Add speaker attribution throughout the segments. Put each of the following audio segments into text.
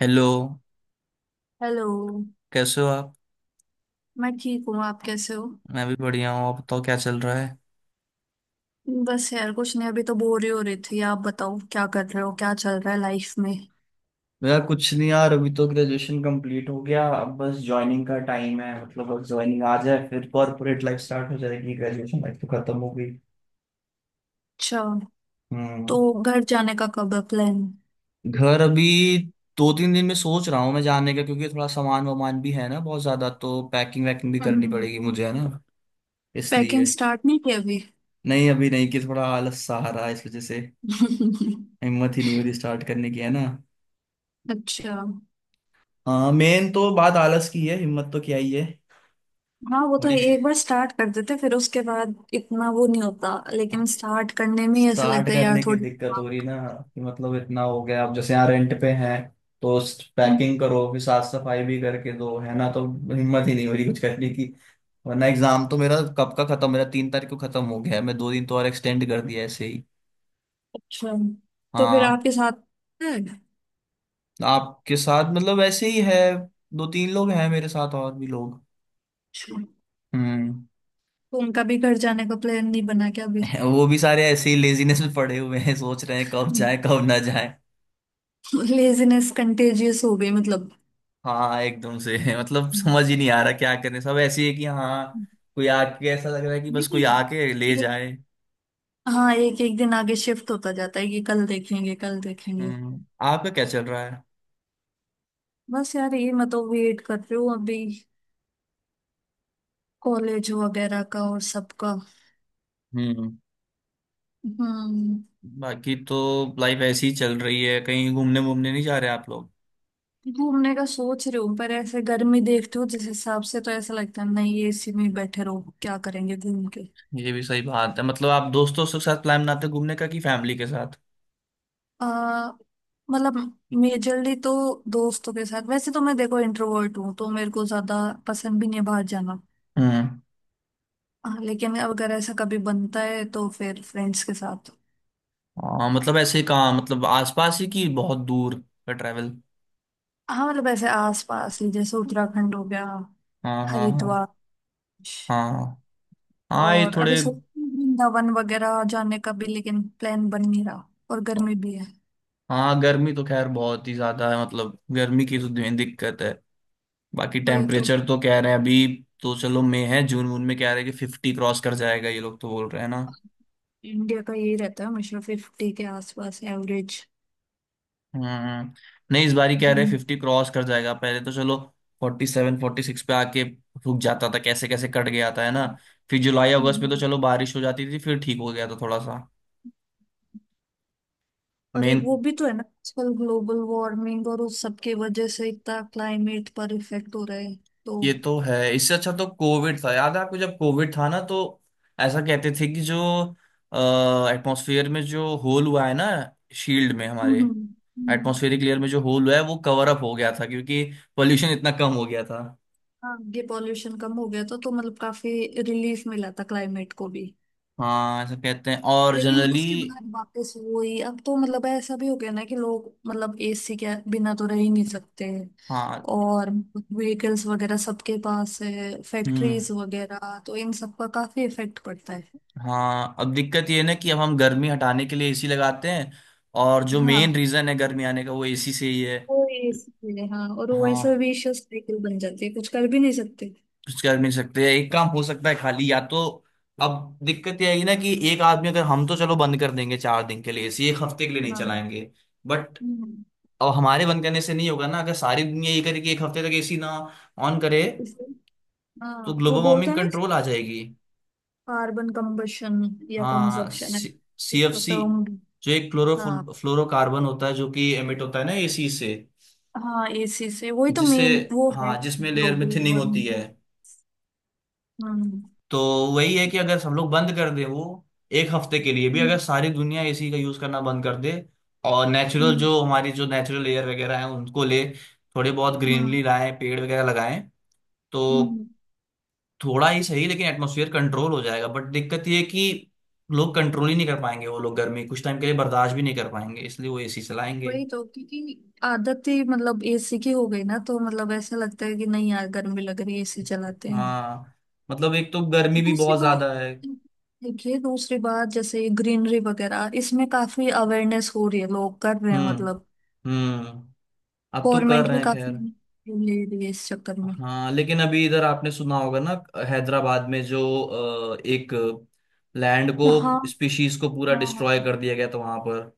Speaker 1: Hello.
Speaker 2: Hello.
Speaker 1: कैसे हो आप?
Speaker 2: मैं ठीक हूँ। आप कैसे हो?
Speaker 1: मैं भी बढ़िया हूँ। आप बताओ क्या चल रहा है?
Speaker 2: बस यार, कुछ नहीं। अभी तो बोर ही हो रही थी। आप बताओ, क्या कर रहे हो, क्या चल रहा है लाइफ में?
Speaker 1: मेरा कुछ नहीं यार, अभी तो ग्रेजुएशन कंप्लीट हो गया। अब बस ज्वाइनिंग का टाइम है, मतलब बस ज्वाइनिंग आ जाए फिर कॉर्पोरेट लाइफ स्टार्ट हो जाएगी। ग्रेजुएशन लाइफ तो खत्म हो गई।
Speaker 2: अच्छा। तो
Speaker 1: हम्म।
Speaker 2: घर जाने का कब है प्लान?
Speaker 1: घर अभी दो तीन दिन में सोच रहा हूँ मैं जाने का, क्योंकि थोड़ा सामान वामान भी है ना बहुत ज्यादा, तो पैकिंग वैकिंग भी करनी पड़ेगी मुझे, है ना,
Speaker 2: पैकिंग
Speaker 1: इसलिए।
Speaker 2: स्टार्ट नहीं की अभी?
Speaker 1: नहीं, अभी नहीं कि थोड़ा आलस सा आ रहा है इस वजह से। हिम्मत ही नहीं हो रही स्टार्ट करने की, है ना।
Speaker 2: अच्छा।
Speaker 1: हाँ, मेन तो बात आलस की है, हिम्मत तो क्या ही है।
Speaker 2: हाँ वो तो है,
Speaker 1: थोड़ी
Speaker 2: एक बार स्टार्ट कर देते फिर उसके बाद इतना वो नहीं होता, लेकिन स्टार्ट करने में ही ऐसा
Speaker 1: स्टार्ट
Speaker 2: लगता है यार
Speaker 1: करने की
Speaker 2: थोड़ी।
Speaker 1: दिक्कत हो रही ना, कि मतलब इतना हो गया अब, जैसे यहाँ रेंट पे हैं तो
Speaker 2: हम्म।
Speaker 1: पैकिंग करो, फिर साफ सफाई भी करके दो, है ना, तो हिम्मत ही नहीं हो रही कुछ करने की। वरना एग्जाम तो मेरा कब का खत्म, मेरा 3 तारीख को खत्म हो गया है। मैं 2 दिन तो और एक्सटेंड कर दिया ऐसे ही।
Speaker 2: अच्छा। तो फिर
Speaker 1: हाँ,
Speaker 2: आपके साथ है?
Speaker 1: आपके साथ मतलब ऐसे ही है, दो तीन लोग हैं मेरे साथ और भी लोग।
Speaker 2: अच्छा।
Speaker 1: हम्म।
Speaker 2: तो उनका भी घर जाने का प्लान नहीं बना क्या अभी?
Speaker 1: वो भी सारे ऐसे ही लेजीनेस में पड़े हुए हैं, सोच रहे हैं कब जाए कब ना जाए।
Speaker 2: लेजीनेस कंटेजियस हो गई मतलब।
Speaker 1: हाँ, एकदम से। मतलब समझ ही नहीं आ रहा क्या करें, सब ऐसी है कि हाँ कोई आके, ऐसा लग रहा है कि बस कोई
Speaker 2: लेकिन
Speaker 1: आके ले
Speaker 2: एक
Speaker 1: जाए।
Speaker 2: हाँ, एक एक दिन आगे शिफ्ट होता जाता है कि कल देखेंगे, कल देखेंगे।
Speaker 1: हम्म। आपका क्या चल रहा है?
Speaker 2: बस यार, ये मैं तो वेट कर रही हूँ अभी कॉलेज वगैरह का और सबका।
Speaker 1: हम्म।
Speaker 2: हम्म।
Speaker 1: बाकी तो लाइफ ऐसी ही चल रही है। कहीं घूमने वूमने नहीं जा रहे आप लोग?
Speaker 2: घूमने का सोच रही हूँ, पर ऐसे गर्मी देखती हूँ जिस हिसाब से, तो ऐसा लगता है नहीं एसी में ही बैठे रहो, क्या करेंगे घूम के।
Speaker 1: ये भी सही बात है। मतलब आप दोस्तों के साथ प्लान बनाते हो घूमने का कि फैमिली के साथ?
Speaker 2: आ, मतलब मेजरली तो दोस्तों के साथ, वैसे तो मैं देखो इंट्रोवर्ट हूँ तो मेरे को ज्यादा पसंद भी नहीं है बाहर जाना।
Speaker 1: हम्म।
Speaker 2: हाँ, लेकिन अगर ऐसा कभी बनता है तो फिर फ्रेंड्स के साथ।
Speaker 1: हाँ, मतलब ऐसे कहाँ, मतलब आसपास ही कि बहुत दूर का ट्रैवल?
Speaker 2: हाँ, मतलब ऐसे आस पास ही, जैसे उत्तराखंड हो गया,
Speaker 1: हाँ, हाँ, हाँ।
Speaker 2: हरिद्वार।
Speaker 1: हाँ, हाँ, ये
Speaker 2: और अभी
Speaker 1: थोड़े।
Speaker 2: सोच रही हूँ वृंदावन वगैरह जाने का भी, लेकिन प्लान बन नहीं रहा और गर्मी भी है।
Speaker 1: हाँ, गर्मी तो खैर बहुत ही ज्यादा है। मतलब गर्मी की तो दिक्कत है। बाकी
Speaker 2: वही तो।
Speaker 1: टेम्परेचर तो कह रहे हैं अभी। तो चलो मई है, जून वून में कह रहे हैं कि 50 क्रॉस कर जाएगा, ये लोग तो बोल रहे हैं ना।
Speaker 2: इंडिया का यही रहता है, हमेशा 50 के आसपास एवरेज।
Speaker 1: हम्म। नहीं, इस बार ही कह रहे हैं
Speaker 2: हम्म।
Speaker 1: 50 क्रॉस कर जाएगा, पहले तो चलो 47 46 पे आके रुक जाता था। कैसे कैसे कट गया था, है ना। फिर जुलाई अगस्त में तो चलो बारिश हो जाती थी, फिर ठीक हो गया था थोड़ा सा।
Speaker 2: और
Speaker 1: मेन।
Speaker 2: वो भी तो है ना, आजकल ग्लोबल वार्मिंग और उस सब की वजह से इतना क्लाइमेट पर इफेक्ट हो रहा है तो।
Speaker 1: ये तो है। इससे अच्छा तो कोविड था, याद है आपको, जब कोविड था ना तो ऐसा कहते थे कि जो एटमॉस्फेयर में जो होल हुआ है ना, शील्ड में हमारे
Speaker 2: हम्म। हम्म। हम्म।
Speaker 1: एटमॉस्फेरिक लेयर में जो होल हुआ है वो कवर अप हो गया था क्योंकि पोल्यूशन इतना कम हो गया था।
Speaker 2: हाँ, ये पॉल्यूशन कम हो गया था तो मतलब काफी रिलीफ मिला था क्लाइमेट को भी।
Speaker 1: हाँ, ऐसा कहते हैं, और
Speaker 2: लेकिन
Speaker 1: जनरली।
Speaker 2: उसके बाद वापस वही, अब तो मतलब ऐसा भी हो गया ना कि लोग मतलब एसी के बिना तो रह ही नहीं सकते।
Speaker 1: हाँ।
Speaker 2: और व्हीकल्स वगैरह सबके पास है,
Speaker 1: हम्म।
Speaker 2: फैक्ट्रीज वगैरह, तो इन सब का काफी इफेक्ट पड़ता है।
Speaker 1: हाँ, अब दिक्कत ये है ना कि अब हम गर्मी हटाने के लिए एसी लगाते हैं, और जो
Speaker 2: हाँ
Speaker 1: मेन रीजन है गर्मी आने का वो एसी से ही है।
Speaker 2: वो एसी है, हाँ, और वो ऐसा
Speaker 1: हाँ,
Speaker 2: विशियस साइकिल बन जाती है, कुछ कर भी नहीं सकते।
Speaker 1: कुछ कर नहीं सकते। एक काम हो सकता है खाली, या तो अब दिक्कत ये आएगी ना कि एक आदमी, अगर हम तो चलो बंद कर देंगे 4 दिन के लिए, इसी एक हफ्ते के लिए नहीं
Speaker 2: हाँ।
Speaker 1: चलाएंगे, बट।
Speaker 2: हम्म।
Speaker 1: अब हमारे बंद करने से नहीं होगा ना, अगर सारी दुनिया ये करे कि एक हफ्ते तक एसी ना ऑन करे
Speaker 2: इसलिए-
Speaker 1: तो
Speaker 2: हाँ, वो
Speaker 1: ग्लोबल
Speaker 2: बोलते
Speaker 1: वार्मिंग
Speaker 2: हैं ना,
Speaker 1: कंट्रोल आ जाएगी।
Speaker 2: कार्बन कंबशन या
Speaker 1: हाँ,
Speaker 2: कंजप्शन है
Speaker 1: सी एफ
Speaker 2: इसका
Speaker 1: सी
Speaker 2: टर्म भी।
Speaker 1: जो एक क्लोरो
Speaker 2: हाँ
Speaker 1: फ्लोरोकार्बन होता है, जो कि एमिट होता है ना एसी से,
Speaker 2: हाँ, एसी से वही तो
Speaker 1: जिससे,
Speaker 2: मेन वो है।
Speaker 1: हाँ, जिसमें लेयर में
Speaker 2: ग्लोबल
Speaker 1: थिनिंग होती है।
Speaker 2: वार्मिंग। हम्म।
Speaker 1: तो वही है कि अगर सब लोग बंद कर दे वो एक हफ्ते के लिए भी, अगर
Speaker 2: हम्म।
Speaker 1: सारी दुनिया एसी का यूज करना बंद कर दे, और नेचुरल
Speaker 2: हम्म।
Speaker 1: जो हमारी जो नेचुरल एयर वगैरह है उनको ले, थोड़े बहुत
Speaker 2: हम्म। हम्म।
Speaker 1: ग्रीनरी लाएं, पेड़ वगैरह लगाएं। तो
Speaker 2: हम्म,
Speaker 1: थोड़ा ही सही, लेकिन एटमोसफियर कंट्रोल हो जाएगा। बट दिक्कत ये है कि लोग कंट्रोल ही नहीं कर पाएंगे, वो लोग गर्मी कुछ टाइम के लिए बर्दाश्त भी नहीं कर पाएंगे, इसलिए वो एसी चलाएंगे।
Speaker 2: वही तो, क्योंकि आदत ही मतलब एसी की हो गई ना, तो मतलब ऐसा लगता है कि नहीं यार गर्मी लग रही है एसी चलाते हैं।
Speaker 1: हाँ, मतलब एक तो गर्मी भी
Speaker 2: दूसरी
Speaker 1: बहुत
Speaker 2: बात,
Speaker 1: ज्यादा है।
Speaker 2: देखिए दूसरी बात, जैसे ग्रीनरी वगैरह इसमें काफी अवेयरनेस हो रही है, लोग कर रहे हैं
Speaker 1: हम्म,
Speaker 2: मतलब,
Speaker 1: हम्म। अब तो कर
Speaker 2: गवर्नमेंट
Speaker 1: रहे
Speaker 2: भी
Speaker 1: हैं
Speaker 2: काफी
Speaker 1: खैर।
Speaker 2: ले रही है इस चक्कर में
Speaker 1: हाँ, लेकिन अभी इधर आपने सुना होगा ना, हैदराबाद में जो एक लैंड को
Speaker 2: तो। हाँ
Speaker 1: स्पीशीज को पूरा
Speaker 2: हाँ
Speaker 1: डिस्ट्रॉय
Speaker 2: हाँ,
Speaker 1: कर दिया गया था वहां पर।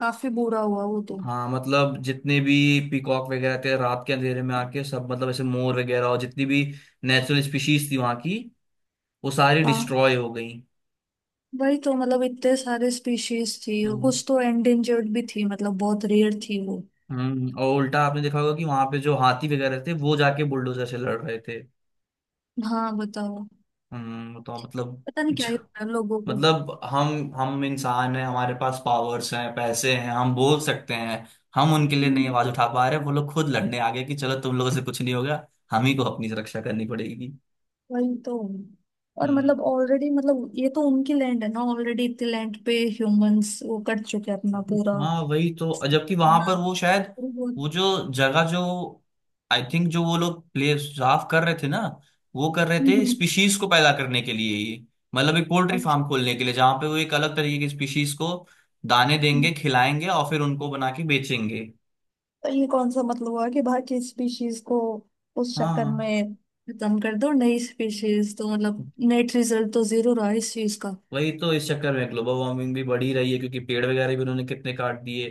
Speaker 2: काफी बुरा हुआ वो तो।
Speaker 1: हाँ, मतलब जितने भी पीकॉक वगैरह थे, रात के अंधेरे में आके सब, मतलब ऐसे मोर वगैरह और जितनी भी नेचुरल स्पीशीज थी वहां की, वो सारी
Speaker 2: हाँ
Speaker 1: डिस्ट्रॉय हो गई।
Speaker 2: वही तो, मतलब इतने सारे स्पीशीज थी और
Speaker 1: हम्म,
Speaker 2: कुछ तो एंडेंजर्ड भी थी मतलब, बहुत रेयर थी वो।
Speaker 1: हम्म। और उल्टा आपने देखा होगा कि वहां पे जो हाथी वगैरह थे वो जाके बुलडोजर से लड़ रहे थे।
Speaker 2: हाँ बताओ।
Speaker 1: हम्म। तो मतलब,
Speaker 2: पता नहीं क्या ही होता है लोगों को।
Speaker 1: मतलब हम इंसान हैं, हमारे पास पावर्स हैं, पैसे हैं, हम बोल सकते हैं। हम उनके लिए नहीं
Speaker 2: हम्म,
Speaker 1: आवाज उठा पा रहे, वो लोग खुद लड़ने आ गए कि चलो तुम लोगों से कुछ नहीं होगा, हम ही को अपनी सुरक्षा करनी पड़ेगी।
Speaker 2: वही तो। और
Speaker 1: हम्म।
Speaker 2: मतलब ऑलरेडी मतलब, ये तो उनकी लैंड है ना, ऑलरेडी इतने लैंड पे ह्यूमंस वो कर चुके हैं अपना पूरा
Speaker 1: हाँ, वही तो, जबकि वहां
Speaker 2: बना।
Speaker 1: पर वो शायद,
Speaker 2: हम्म।
Speaker 1: वो जो जगह जो, आई थिंक जो वो लोग प्ले साफ कर रहे थे ना, वो कर रहे थे
Speaker 2: हम्म।
Speaker 1: स्पीशीज को पैदा करने के लिए ही। मतलब एक पोल्ट्री फार्म खोलने के लिए, जहाँ पे वो एक अलग तरीके की स्पीशीज को दाने
Speaker 2: अच्छा।
Speaker 1: देंगे, खिलाएंगे और फिर उनको बना के बेचेंगे।
Speaker 2: तो ये कौन सा मतलब हुआ कि बाकी स्पीशीज को उस चक्कर
Speaker 1: हाँ,
Speaker 2: में खत्म कर दो, नई स्पीशीज, तो मतलब नेट रिजल्ट तो 0 रहा इस चीज का।
Speaker 1: वही तो, इस चक्कर में ग्लोबल वार्मिंग भी बढ़ी रही है, क्योंकि पेड़ वगैरह भी उन्होंने कितने काट दिए।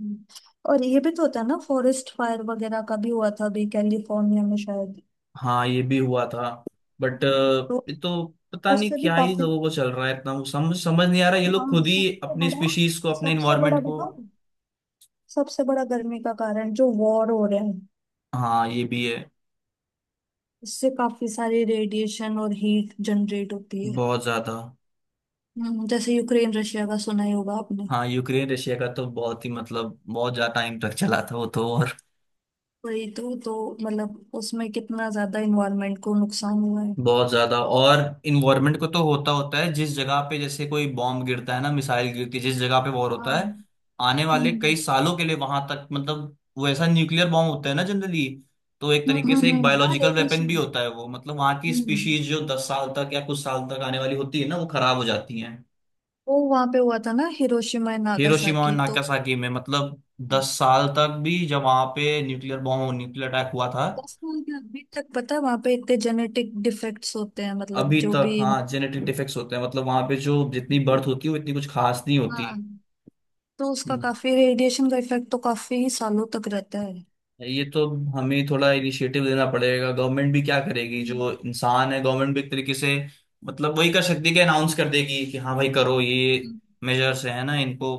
Speaker 2: हम्म। और ये भी तो होता है ना, फॉरेस्ट फायर वगैरह का भी हुआ था अभी कैलिफोर्निया में शायद।
Speaker 1: हाँ, ये भी हुआ था, बट।
Speaker 2: तो
Speaker 1: ये तो पता नहीं
Speaker 2: उससे भी
Speaker 1: क्या ही
Speaker 2: काफी।
Speaker 1: लोगों को चल रहा है, इतना समझ समझ नहीं आ रहा, ये
Speaker 2: हाँ
Speaker 1: लोग खुद ही
Speaker 2: सबसे
Speaker 1: अपनी
Speaker 2: बड़ा,
Speaker 1: स्पीशीज को अपने
Speaker 2: सबसे बड़ा
Speaker 1: इन्वायरमेंट को।
Speaker 2: बताओ, सबसे बड़ा गर्मी का कारण जो वॉर हो रहे हैं,
Speaker 1: हाँ, ये भी है।
Speaker 2: इससे काफी सारी रेडिएशन और हीट जनरेट होती है।
Speaker 1: बहुत ज्यादा।
Speaker 2: जैसे यूक्रेन रशिया का सुना ही होगा आपने।
Speaker 1: हाँ, यूक्रेन रशिया का तो बहुत ही, मतलब बहुत ज्यादा टाइम तक चला था वो तो, और।
Speaker 2: वही तो। तो मतलब उसमें कितना ज्यादा इन्वायरमेंट को नुकसान हुआ है।
Speaker 1: बहुत ज्यादा। और इन्वायरमेंट को तो होता होता है, जिस जगह पे जैसे कोई बॉम्ब गिरता है ना, मिसाइल गिरती है, जिस जगह पे वॉर
Speaker 2: हाँ।
Speaker 1: होता है
Speaker 2: हम्म।
Speaker 1: आने वाले कई सालों के लिए, वहां तक मतलब वो ऐसा न्यूक्लियर बॉम्ब होता है ना जनरली, तो एक
Speaker 2: हम्म।
Speaker 1: तरीके से
Speaker 2: हम्म।
Speaker 1: एक
Speaker 2: हम्म। हाँ,
Speaker 1: बायोलॉजिकल वेपन भी
Speaker 2: रेडिएशन।
Speaker 1: होता है वो। मतलब वहां की
Speaker 2: हम्म,
Speaker 1: स्पीशीज जो 10 साल तक या कुछ साल तक आने वाली होती है ना, वो खराब हो जाती हैं।
Speaker 2: वो वहां पे हुआ था ना, हिरोशिमा एंड
Speaker 1: हिरोशिमा और
Speaker 2: नागासाकी तो।
Speaker 1: नागासाकी में, मतलब
Speaker 2: हम्म।
Speaker 1: 10 साल तक भी, जब वहां पे न्यूक्लियर अटैक हुआ था।
Speaker 2: बस मुझे क्या, अभी तक पता है वहां पे इतने जेनेटिक डिफेक्ट्स होते हैं, मतलब
Speaker 1: अभी
Speaker 2: जो
Speaker 1: तक
Speaker 2: भी
Speaker 1: हाँ जेनेटिक डिफेक्ट्स होते हैं, मतलब वहां पे जो जितनी बर्थ होती है वो इतनी कुछ खास नहीं होती।
Speaker 2: हाँ, तो उसका
Speaker 1: हम्म।
Speaker 2: काफी रेडिएशन का इफेक्ट तो काफी सालों तक रहता है।
Speaker 1: ये तो हमें थोड़ा इनिशिएटिव देना पड़ेगा, गवर्नमेंट भी क्या करेगी,
Speaker 2: हम्म।
Speaker 1: जो इंसान है गवर्नमेंट भी एक तरीके से, मतलब वही कर सकती है कि अनाउंस कर देगी कि हाँ भाई करो ये
Speaker 2: हम्म।
Speaker 1: मेजर्स है ना, इनको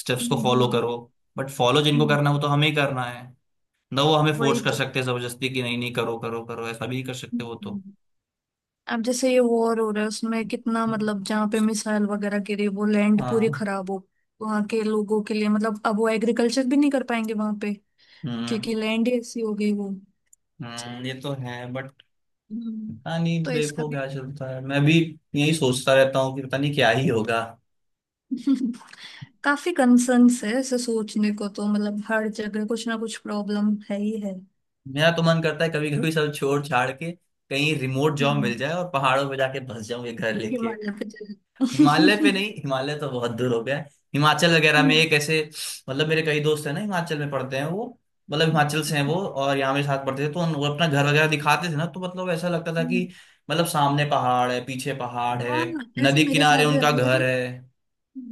Speaker 1: स्टेप्स को फॉलो
Speaker 2: हम्म।
Speaker 1: करो। बट फॉलो जिनको
Speaker 2: हम्म।
Speaker 1: करना है वो तो हमें ही करना है ना, वो हमें
Speaker 2: वही
Speaker 1: फोर्स कर
Speaker 2: तो।
Speaker 1: सकते हैं जबरदस्ती कि नहीं नहीं करो करो करो, ऐसा भी नहीं कर सकते वो तो।
Speaker 2: हम्म। अब जैसे ये वॉर हो रहा है उसमें कितना मतलब जहाँ पे मिसाइल वगैरह गिरी वो लैंड पूरी
Speaker 1: हाँ,
Speaker 2: खराब हो, वहां के लोगों के लिए मतलब अब वो एग्रीकल्चर भी नहीं कर पाएंगे वहां पे,
Speaker 1: हम्म,
Speaker 2: क्योंकि लैंड ही ऐसी हो गई वो।
Speaker 1: हम्म। ये तो है बट,
Speaker 2: हम्म,
Speaker 1: पता नहीं
Speaker 2: तो इसका
Speaker 1: देखो
Speaker 2: भी।
Speaker 1: क्या चलता है, मैं भी यही सोचता रहता हूँ कि पता नहीं क्या ही होगा।
Speaker 2: काफी कंसर्न्स है ऐसे सोचने को तो, मतलब हर जगह कुछ ना कुछ प्रॉब्लम है ही है।
Speaker 1: मेरा तो मन करता है कभी कभी सब छोड़ छाड़ के कहीं रिमोट जॉब
Speaker 2: हम्म।
Speaker 1: मिल जाए और पहाड़ों पे जाके बस जाऊं, ये घर लेके।
Speaker 2: हिमालय पे चले।
Speaker 1: हिमालय पे नहीं, हिमालय तो बहुत दूर हो गया है। हिमाचल वगैरह में एक ऐसे, मतलब मेरे कई दोस्त हैं ना, हिमाचल में पढ़ते हैं वो, मतलब हिमाचल से हैं वो और यहाँ मेरे साथ पढ़ते थे, तो वो अपना घर वगैरह दिखाते थे ना, तो मतलब ऐसा लगता था कि, मतलब सामने पहाड़ है, पीछे पहाड़ है,
Speaker 2: हाँ, ऐसा
Speaker 1: नदी किनारे उनका घर है।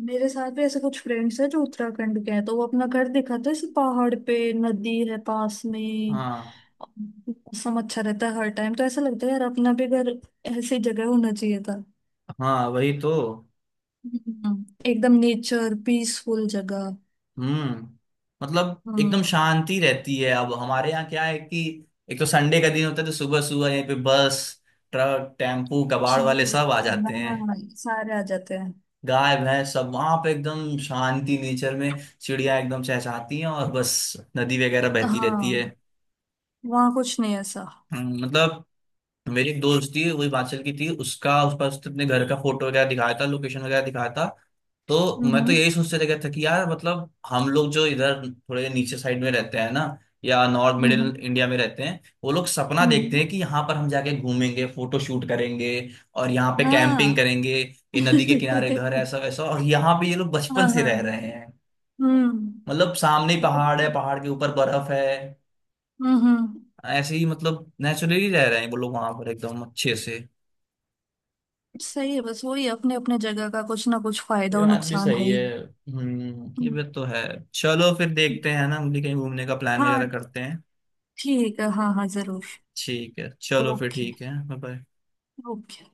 Speaker 2: मेरे साथ भी ऐसे कुछ फ्रेंड्स हैं जो उत्तराखंड के हैं, तो वो अपना घर दिखाते हैं, ऐसे पहाड़ पे, नदी है पास में,
Speaker 1: हाँ,
Speaker 2: मौसम अच्छा रहता है हर टाइम, तो ऐसा लगता है यार अपना भी घर ऐसी जगह होना चाहिए था।
Speaker 1: हाँ, वही तो।
Speaker 2: एकदम नेचर, पीसफुल जगह।
Speaker 1: हम्म। मतलब एकदम
Speaker 2: हाँ।
Speaker 1: शांति रहती है। अब हमारे यहाँ क्या है कि एक तो संडे का दिन होता है, तो सुबह सुबह यहाँ पे बस ट्रक टेम्पू कबाड़ वाले
Speaker 2: चीज।
Speaker 1: सब आ जाते हैं,
Speaker 2: हाँ, सारे आ जाते हैं।
Speaker 1: गाय भैंस सब। वहां पे एकदम शांति, नेचर में चिड़िया एकदम चहचहाती हैं और बस नदी वगैरह बहती रहती है।
Speaker 2: हाँ, वहाँ कुछ नहीं ऐसा।
Speaker 1: मतलब मेरी एक दोस्त थी, वो हिमाचल की थी, उसका उस पर उसने अपने घर का फोटो वगैरह दिखाया था, लोकेशन वगैरह दिखाया था। तो मैं तो
Speaker 2: हम्म।
Speaker 1: यही सोचते रह गया था कि यार, मतलब हम लोग जो इधर थोड़े नीचे साइड में रहते हैं ना, या नॉर्थ मिडिल
Speaker 2: हम्म।
Speaker 1: इंडिया में रहते हैं, वो लोग सपना देखते
Speaker 2: हम्म।
Speaker 1: हैं कि यहाँ पर हम जाके घूमेंगे, फोटो शूट करेंगे, और यहाँ पे कैंपिंग
Speaker 2: हाँ।
Speaker 1: करेंगे, ये नदी के किनारे घर है, ऐसा वैसा, और यहाँ पे ये लोग
Speaker 2: हाँ
Speaker 1: बचपन से रह
Speaker 2: हाँ।
Speaker 1: रहे हैं।
Speaker 2: हम्म।
Speaker 1: मतलब सामने ही
Speaker 2: हम्म।
Speaker 1: पहाड़ है, पहाड़ के ऊपर बर्फ है,
Speaker 2: हम्म।
Speaker 1: ऐसे ही मतलब नेचुरली रह रहे हैं वो लोग वहां पर एकदम अच्छे से।
Speaker 2: सही है, बस वही, अपने अपने जगह का कुछ ना कुछ फायदा
Speaker 1: ये
Speaker 2: और
Speaker 1: बात भी
Speaker 2: नुकसान है
Speaker 1: सही
Speaker 2: ही।
Speaker 1: है, हम्म, ये
Speaker 2: हम्म।
Speaker 1: बात तो है। चलो फिर देखते हैं ना, हम भी कहीं घूमने का प्लान
Speaker 2: हाँ
Speaker 1: वगैरह करते हैं।
Speaker 2: ठीक है, हाँ हाँ जरूर।
Speaker 1: ठीक है, चलो फिर,
Speaker 2: ओके।
Speaker 1: ठीक है। बाय।
Speaker 2: ओके।